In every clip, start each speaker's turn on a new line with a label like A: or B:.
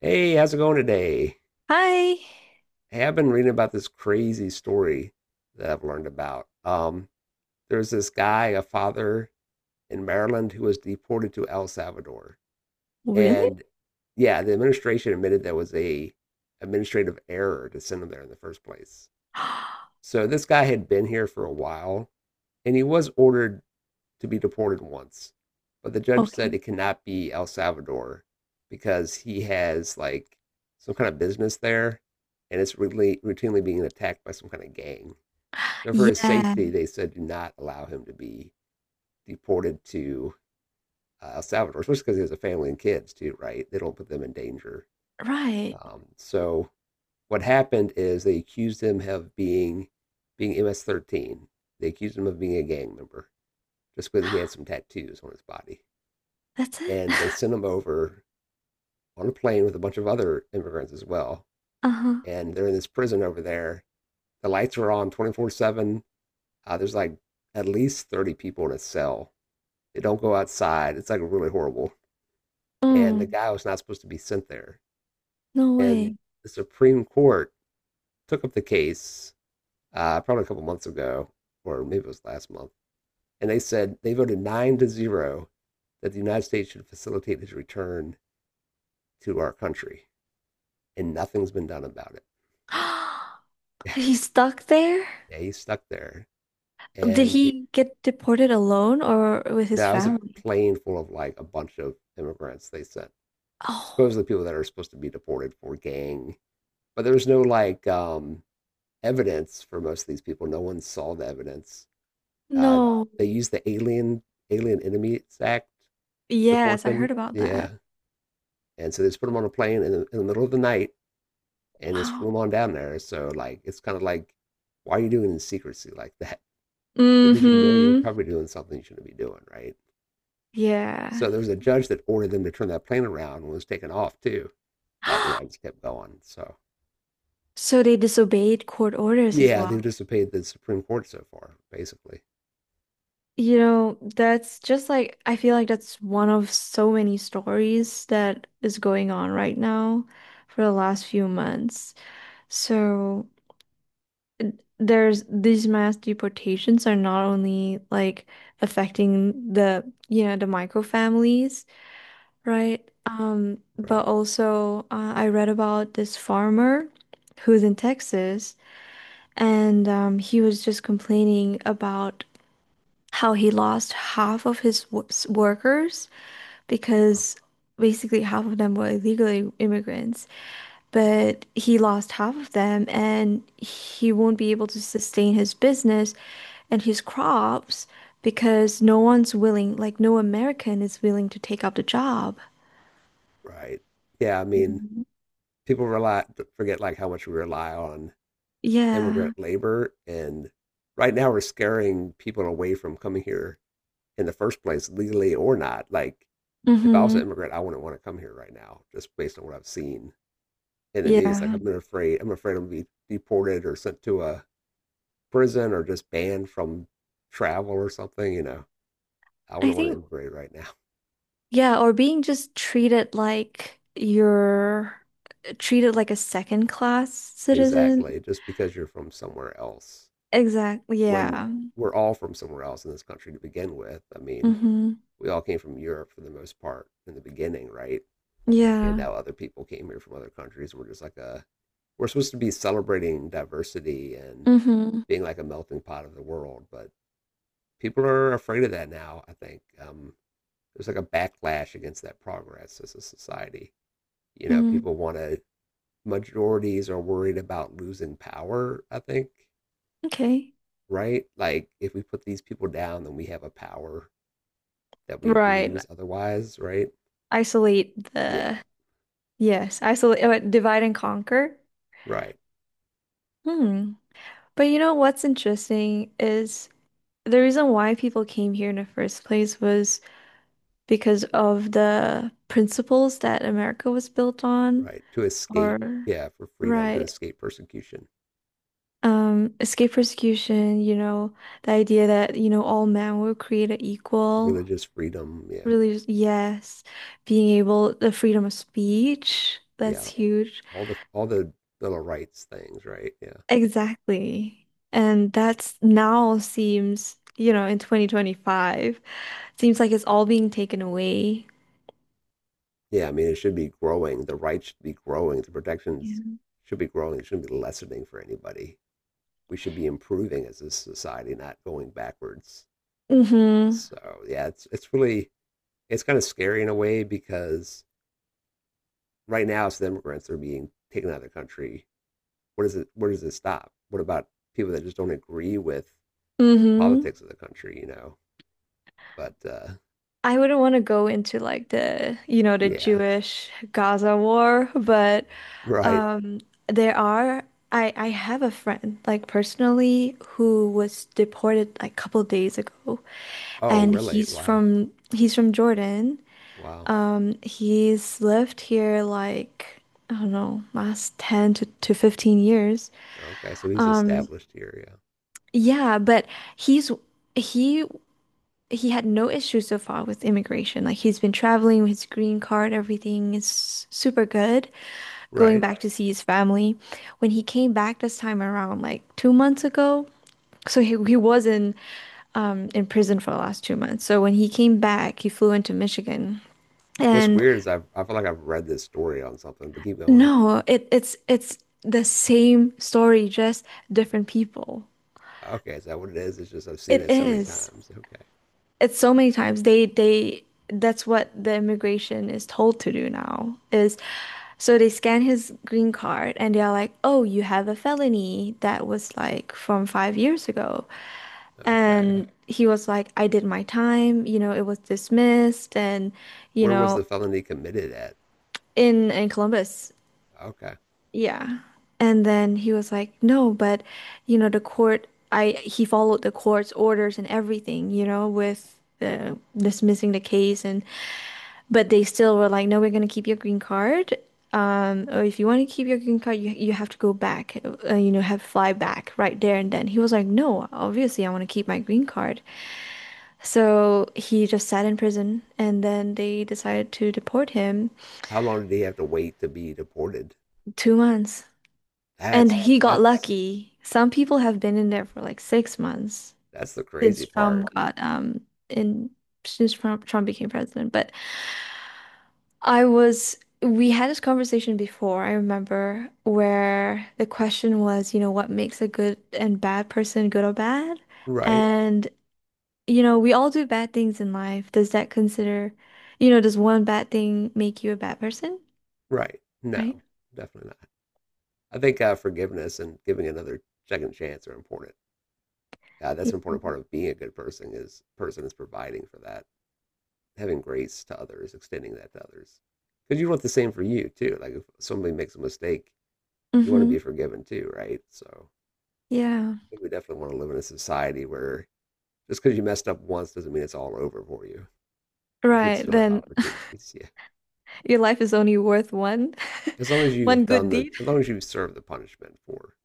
A: Hey, how's it going today?
B: Hi.
A: Hey, I've been reading about this crazy story that I've learned about. There's this guy, a father in Maryland, who was deported to El Salvador.
B: Really?
A: And yeah, the administration admitted there was a administrative error to send him there in the first place. So this guy had been here for a while, and he was ordered to be deported once, but the judge said
B: Okay.
A: it cannot be El Salvador because he has like some kind of business there, and it's really routinely being attacked by some kind of gang. So for his
B: Yeah.
A: safety, they said do not allow him to be deported to El Salvador, especially because he has a family and kids too, right? They don't put them in danger.
B: Right.
A: So what happened is they accused him of being MS-13. They accused him of being a gang member just because he had some tattoos on his body.
B: That's it.
A: And they send them over on a plane with a bunch of other immigrants as well.
B: Uh-huh.
A: And they're in this prison over there. The lights are on 24/7. There's like at least 30 people in a cell. They don't go outside. It's like really horrible. And the
B: Mm,
A: guy was not supposed to be sent there.
B: no
A: And
B: way.
A: the Supreme Court took up the case probably a couple months ago, or maybe it was last month. And they said they voted 9-0 that the United States should facilitate his return to our country. And nothing's been done about it.
B: He's stuck there?
A: Yeah, he's stuck there.
B: Did
A: And we
B: he get deported alone or with his
A: Now it was a
B: family?
A: plane full of like a bunch of immigrants they sent. Supposedly
B: Oh,
A: people that are supposed to be deported for gang. But there was no like evidence for most of these people. No one saw the evidence. Uh
B: no.
A: they used the alien enemies act to deport
B: Yes, I
A: them.
B: heard about
A: Yeah.
B: that.
A: And so they just put them on a plane in the middle of the night and just
B: Wow.
A: flew them on down there. So like it's kind of like why are you doing it in secrecy like that? That means you know you're
B: Mm-hmm.
A: probably doing something you shouldn't be doing, right? So
B: Yeah.
A: there was a judge that ordered them to turn that plane around and was taken off too. But you know, it just kept going. So
B: So they disobeyed court orders as
A: yeah, they've
B: well.
A: disobeyed the Supreme Court so far, basically.
B: That's just like, I feel like that's one of so many stories that is going on right now for the last few months. So there's these mass deportations are not only like affecting the micro families, right? But
A: Right.
B: also I read about this farmer who's in Texas and he was just complaining about how he lost half of his workers
A: Wow.
B: because basically half of them were illegal immigrants, but he lost half of them and he won't be able to sustain his business and his crops because no one's willing, like no American is willing to take up the job.
A: Right. Yeah, I mean,
B: Mhm.
A: people rely forget like how much we rely on
B: Yeah.
A: immigrant labor, and right now we're scaring people away from coming here in the first place, legally or not. Like, if I was
B: Mm-hmm.
A: an immigrant, I wouldn't want to come here right now, just based on what I've seen in the news. Like,
B: Yeah.
A: I've been afraid. I'm afraid I'm gonna be deported or sent to a prison or just banned from travel or something, you know, I
B: I
A: wouldn't want to
B: think,
A: immigrate right now.
B: yeah, or being just treated like you're treated like a second class citizen.
A: Exactly. Just because you're from somewhere else.
B: Exactly.
A: When
B: Yeah.
A: we're all from somewhere else in this country to begin with. I mean,
B: Mm-hmm.
A: we all came from Europe for the most part in the beginning, right? And
B: Yeah.
A: now other people came here from other countries. We're just like a, we're supposed to be celebrating diversity and
B: Mm-hmm.
A: being like a melting pot of the world, but people are afraid of that now. I think there's like a backlash against that progress as a society. You know,
B: Mm,
A: people want to, majorities are worried about losing power, I think,
B: okay.
A: right? Like, if we put these people down, then we have a power that we
B: Right.
A: lose otherwise, right?
B: Isolate
A: Yeah,
B: the, yes, isolate, divide and conquer.
A: right,
B: Hmm. But you know what's interesting is the reason why people came here in the first place was because of the principles that America was built on,
A: right. To escape,
B: or
A: yeah, for freedom, to
B: right.
A: escape persecution,
B: Escape persecution, the idea that all men were created equal.
A: religious freedom, yeah,
B: Really, yes. Being able, the freedom of speech, that's
A: yeah.
B: huge.
A: All the little rights things, right? Yeah.
B: Exactly. And that's now seems in 2025, seems like it's all being taken away.
A: Yeah, I mean, it should be growing. The rights should be growing. The protections
B: Yeah.
A: should be growing. It shouldn't be lessening for anybody. We should be improving as a society, not going backwards.
B: Mm-hmm.
A: So yeah, it's really it's kind of scary in a way because right now it's the immigrants that are being taken out of the country. What is it, where does it stop? What about people that just don't agree with the
B: Mm-hmm.
A: politics of the country, you know? But
B: I wouldn't want to go into like the
A: yeah.
B: Jewish Gaza war, but
A: Right.
B: um there are I have a friend like personally who was deported like a couple days ago
A: Oh
B: and
A: really?
B: he's
A: Wow.
B: from he's from Jordan.
A: Wow.
B: He's lived here like, I don't know, last 10 to 15 years.
A: Okay. So he's
B: Um,
A: established here, yeah.
B: yeah, but he's he he had no issues so far with immigration. Like he's been traveling with his green card, everything is super good. Going
A: Right.
B: back to see his family. When he came back this time around, like 2 months ago, so he was in prison for the last 2 months. So when he came back, he flew into Michigan.
A: What's
B: And
A: weird is I feel like I've read this story on something, but keep going.
B: No, it's the same story, just different people.
A: Okay, is that what it is? It's just I've seen
B: It
A: it so many
B: is.
A: times. Okay.
B: It's so many times they that's what the immigration is told to do now is, so they scan his green card and they're like, "Oh, you have a felony that was like from 5 years ago."
A: Okay.
B: And he was like, "I did my time, it was dismissed and you
A: Where was the
B: know,
A: felony committed at?
B: in Columbus."
A: Okay.
B: Yeah. And then he was like, no, but the court, I he followed the court's orders and everything, with the dismissing the case and but they still were like, no, we're gonna keep your green card. Or if you want to keep your green card, you have to go back, have fly back right there and then. He was like, no, obviously I want to keep my green card. So he just sat in prison and then they decided to deport him.
A: How long did he have to wait to be deported?
B: 2 months. And
A: That's
B: he got
A: that's
B: lucky. Some people have been in there for like 6 months
A: that's the
B: since
A: crazy part.
B: Trump got in, since Trump became president. But I was we had this conversation before, I remember, where the question was, what makes a good and bad person good or bad?
A: Right.
B: And we all do bad things in life. Does that consider, you know, does one bad thing make you a bad person?
A: Right. No,
B: Right?
A: definitely not. I think forgiveness and giving another second chance are important. That's
B: Yeah.
A: an important part of being a good person is providing for that, having grace to others, extending that to others. Because you want the same for you too. Like if somebody makes a mistake, you want to
B: Mm-hmm.
A: be forgiven too, right? So
B: Yeah.
A: I think we definitely want to live in a society where just because you messed up once doesn't mean it's all over for you. You should
B: Right.
A: still have
B: Then
A: opportunities. Yeah.
B: your life is only worth one
A: As long as you've
B: one
A: done
B: good
A: the,
B: deed.
A: as long as you've served the punishment for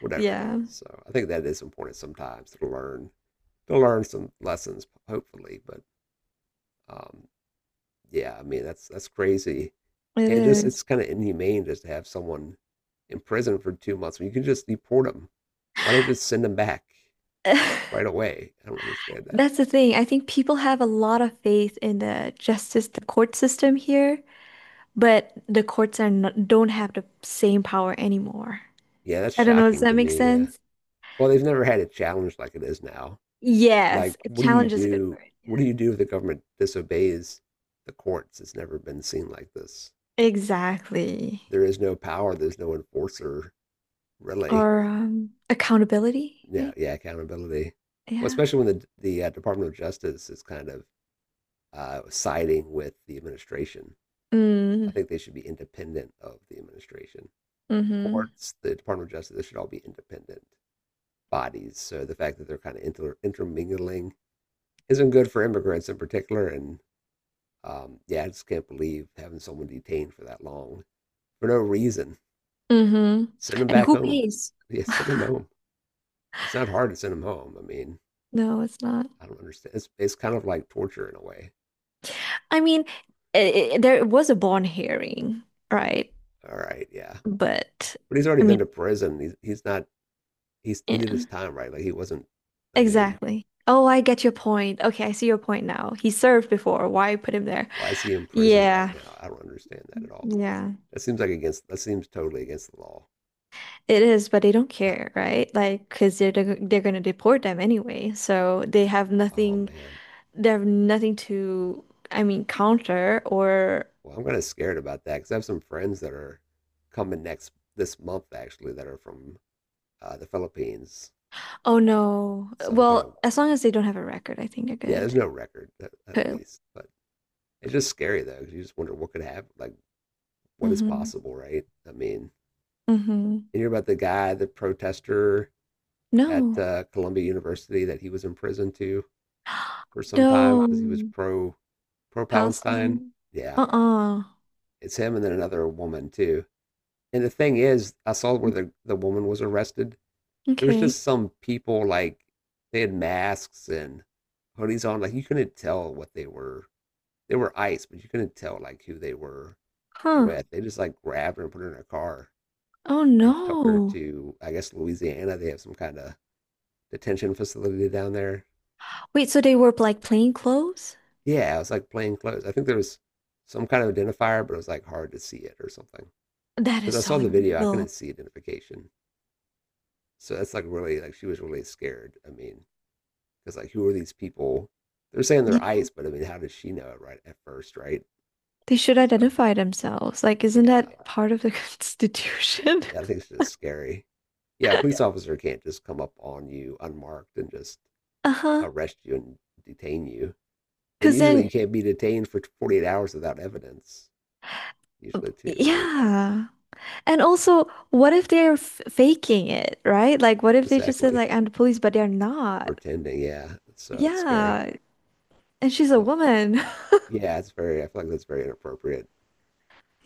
A: whatever it
B: Yeah,
A: is. So I think that is important sometimes to learn, some lessons, hopefully. But um, yeah, I mean, that's crazy.
B: it
A: And just,
B: is.
A: it's kind of inhumane just to have someone in prison for 2 months when you can just deport them. Why not just send them back right away? I don't understand that.
B: That's the thing. I think people have a lot of faith in the justice, the court system here, but the courts are not, don't have the same power anymore.
A: Yeah, that's
B: I don't know, does
A: shocking to
B: that make
A: me. Yeah.
B: sense?
A: Well, they've never had a challenge like it is now.
B: Yes,
A: Like,
B: a challenge is a good word. Yeah.
A: what do you do if the government disobeys the courts. It's never been seen like this.
B: Exactly.
A: There is no power. There's no enforcer, really.
B: Or accountability,
A: Yeah,
B: right?
A: yeah, accountability. Well,
B: Yeah.
A: especially when the department of justice is kind of siding with the administration. I
B: Mm,
A: think they should be independent of the administration. The
B: mm-hmm.
A: courts, the department of justice, they should all be independent bodies. So the fact that they're kind of intermingling isn't good for immigrants in particular, and yeah, I just can't believe having someone detained for that long for no reason.
B: Mm-hmm.
A: Send them
B: And
A: back
B: who
A: home.
B: pays?
A: Yeah, send them home. It's not hard to send them home. I mean,
B: No, it's not.
A: I don't understand. It's kind of like torture in a way.
B: I mean, I there was a bond hearing, right?
A: All right, yeah.
B: But
A: But he's already
B: I
A: been to
B: mean,
A: prison. He's not, he did his
B: yeah,
A: time, right? Like he wasn't, I mean,
B: exactly. Oh, I get your point. Okay, I see your point now. He served before. Why put him there?
A: why is he imprisoned right
B: Yeah,
A: now? I don't understand that at all.
B: yeah,
A: That seems like against, that seems totally against the law.
B: it is, but they don't care, right? Like, because they're gonna deport them anyway, so they have
A: Oh,
B: nothing.
A: man.
B: They have nothing to, I mean, counter or.
A: Well, I'm kind of scared about that because I have some friends that are coming next this month actually that are from the Philippines.
B: Oh no.
A: Some kind
B: Well,
A: of
B: as long as they don't have a record, I think they're
A: yeah.
B: good.
A: There's no record at
B: Cool.
A: least, but it's just scary though. 'Cause you just wonder what could happen, like what is
B: Mm-hmm.
A: possible, right? I mean,
B: Mm-hmm.
A: you hear about the guy, the protester at
B: No.
A: Columbia University that he was in prison to for some time
B: No.
A: because he was pro Palestine.
B: Palestine.
A: Yeah,
B: Uh-uh.
A: it's him and then another woman too. And the thing is, I saw where
B: Mm,
A: the woman was arrested. There was
B: Okay.
A: just some people like they had masks and hoodies on, like you couldn't tell what they were ice, but you couldn't tell like who they were
B: Huh.
A: with. They just like grabbed her and put her in a car
B: Oh
A: and took her
B: no.
A: to I guess Louisiana. They have some kind of detention facility down there.
B: Wait, so they were like plain clothes?
A: Yeah, it was like plain clothes. I think there was some kind of identifier, but it was like hard to see it or something.
B: That is
A: Because I saw
B: so
A: the video, I couldn't
B: illegal.
A: see identification. So that's like really, like, she was really scared. I mean, because like who are these people? They're saying
B: Yeah.
A: they're ice, but I mean, how does she know it right at first, right?
B: They should
A: So
B: identify themselves. Like, isn't
A: yeah,
B: that part of the
A: yeah,
B: Constitution?
A: yeah, I think it's just scary. Yeah, a police officer can't just come up on you unmarked and just
B: Uh-huh.
A: arrest you and detain you. And
B: Because
A: usually you
B: then,
A: can't be detained for 48 hours without evidence, usually, too, right?
B: yeah. And also, what if they're f faking it, right? Like, what if they just said,
A: Exactly.
B: like, I'm the police, but they're not?
A: Pretending, yeah. So it's scary.
B: Yeah. And she's a
A: Well,
B: woman.
A: yeah, it's very, I feel like that's very inappropriate.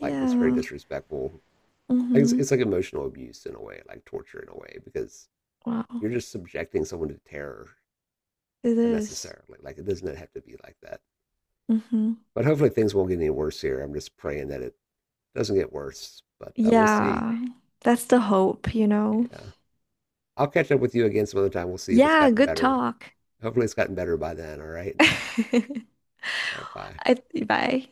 A: Like, that's very disrespectful. Like, It's,
B: Mm-hmm.
A: it's like emotional abuse in a way, like torture in a way, because
B: Wow.
A: you're just subjecting someone to terror
B: It is.
A: unnecessarily. Like, it doesn't have to be like that.
B: Mm-hmm.
A: But hopefully things won't get any worse here. I'm just praying that it doesn't get worse, but we'll see.
B: Yeah, that's the hope.
A: Yeah. I'll catch up with you again some other time. We'll see if it's
B: Yeah,
A: gotten
B: good
A: better.
B: talk.
A: Hopefully it's gotten better by then. All right.
B: I,
A: All right. Bye.
B: bye.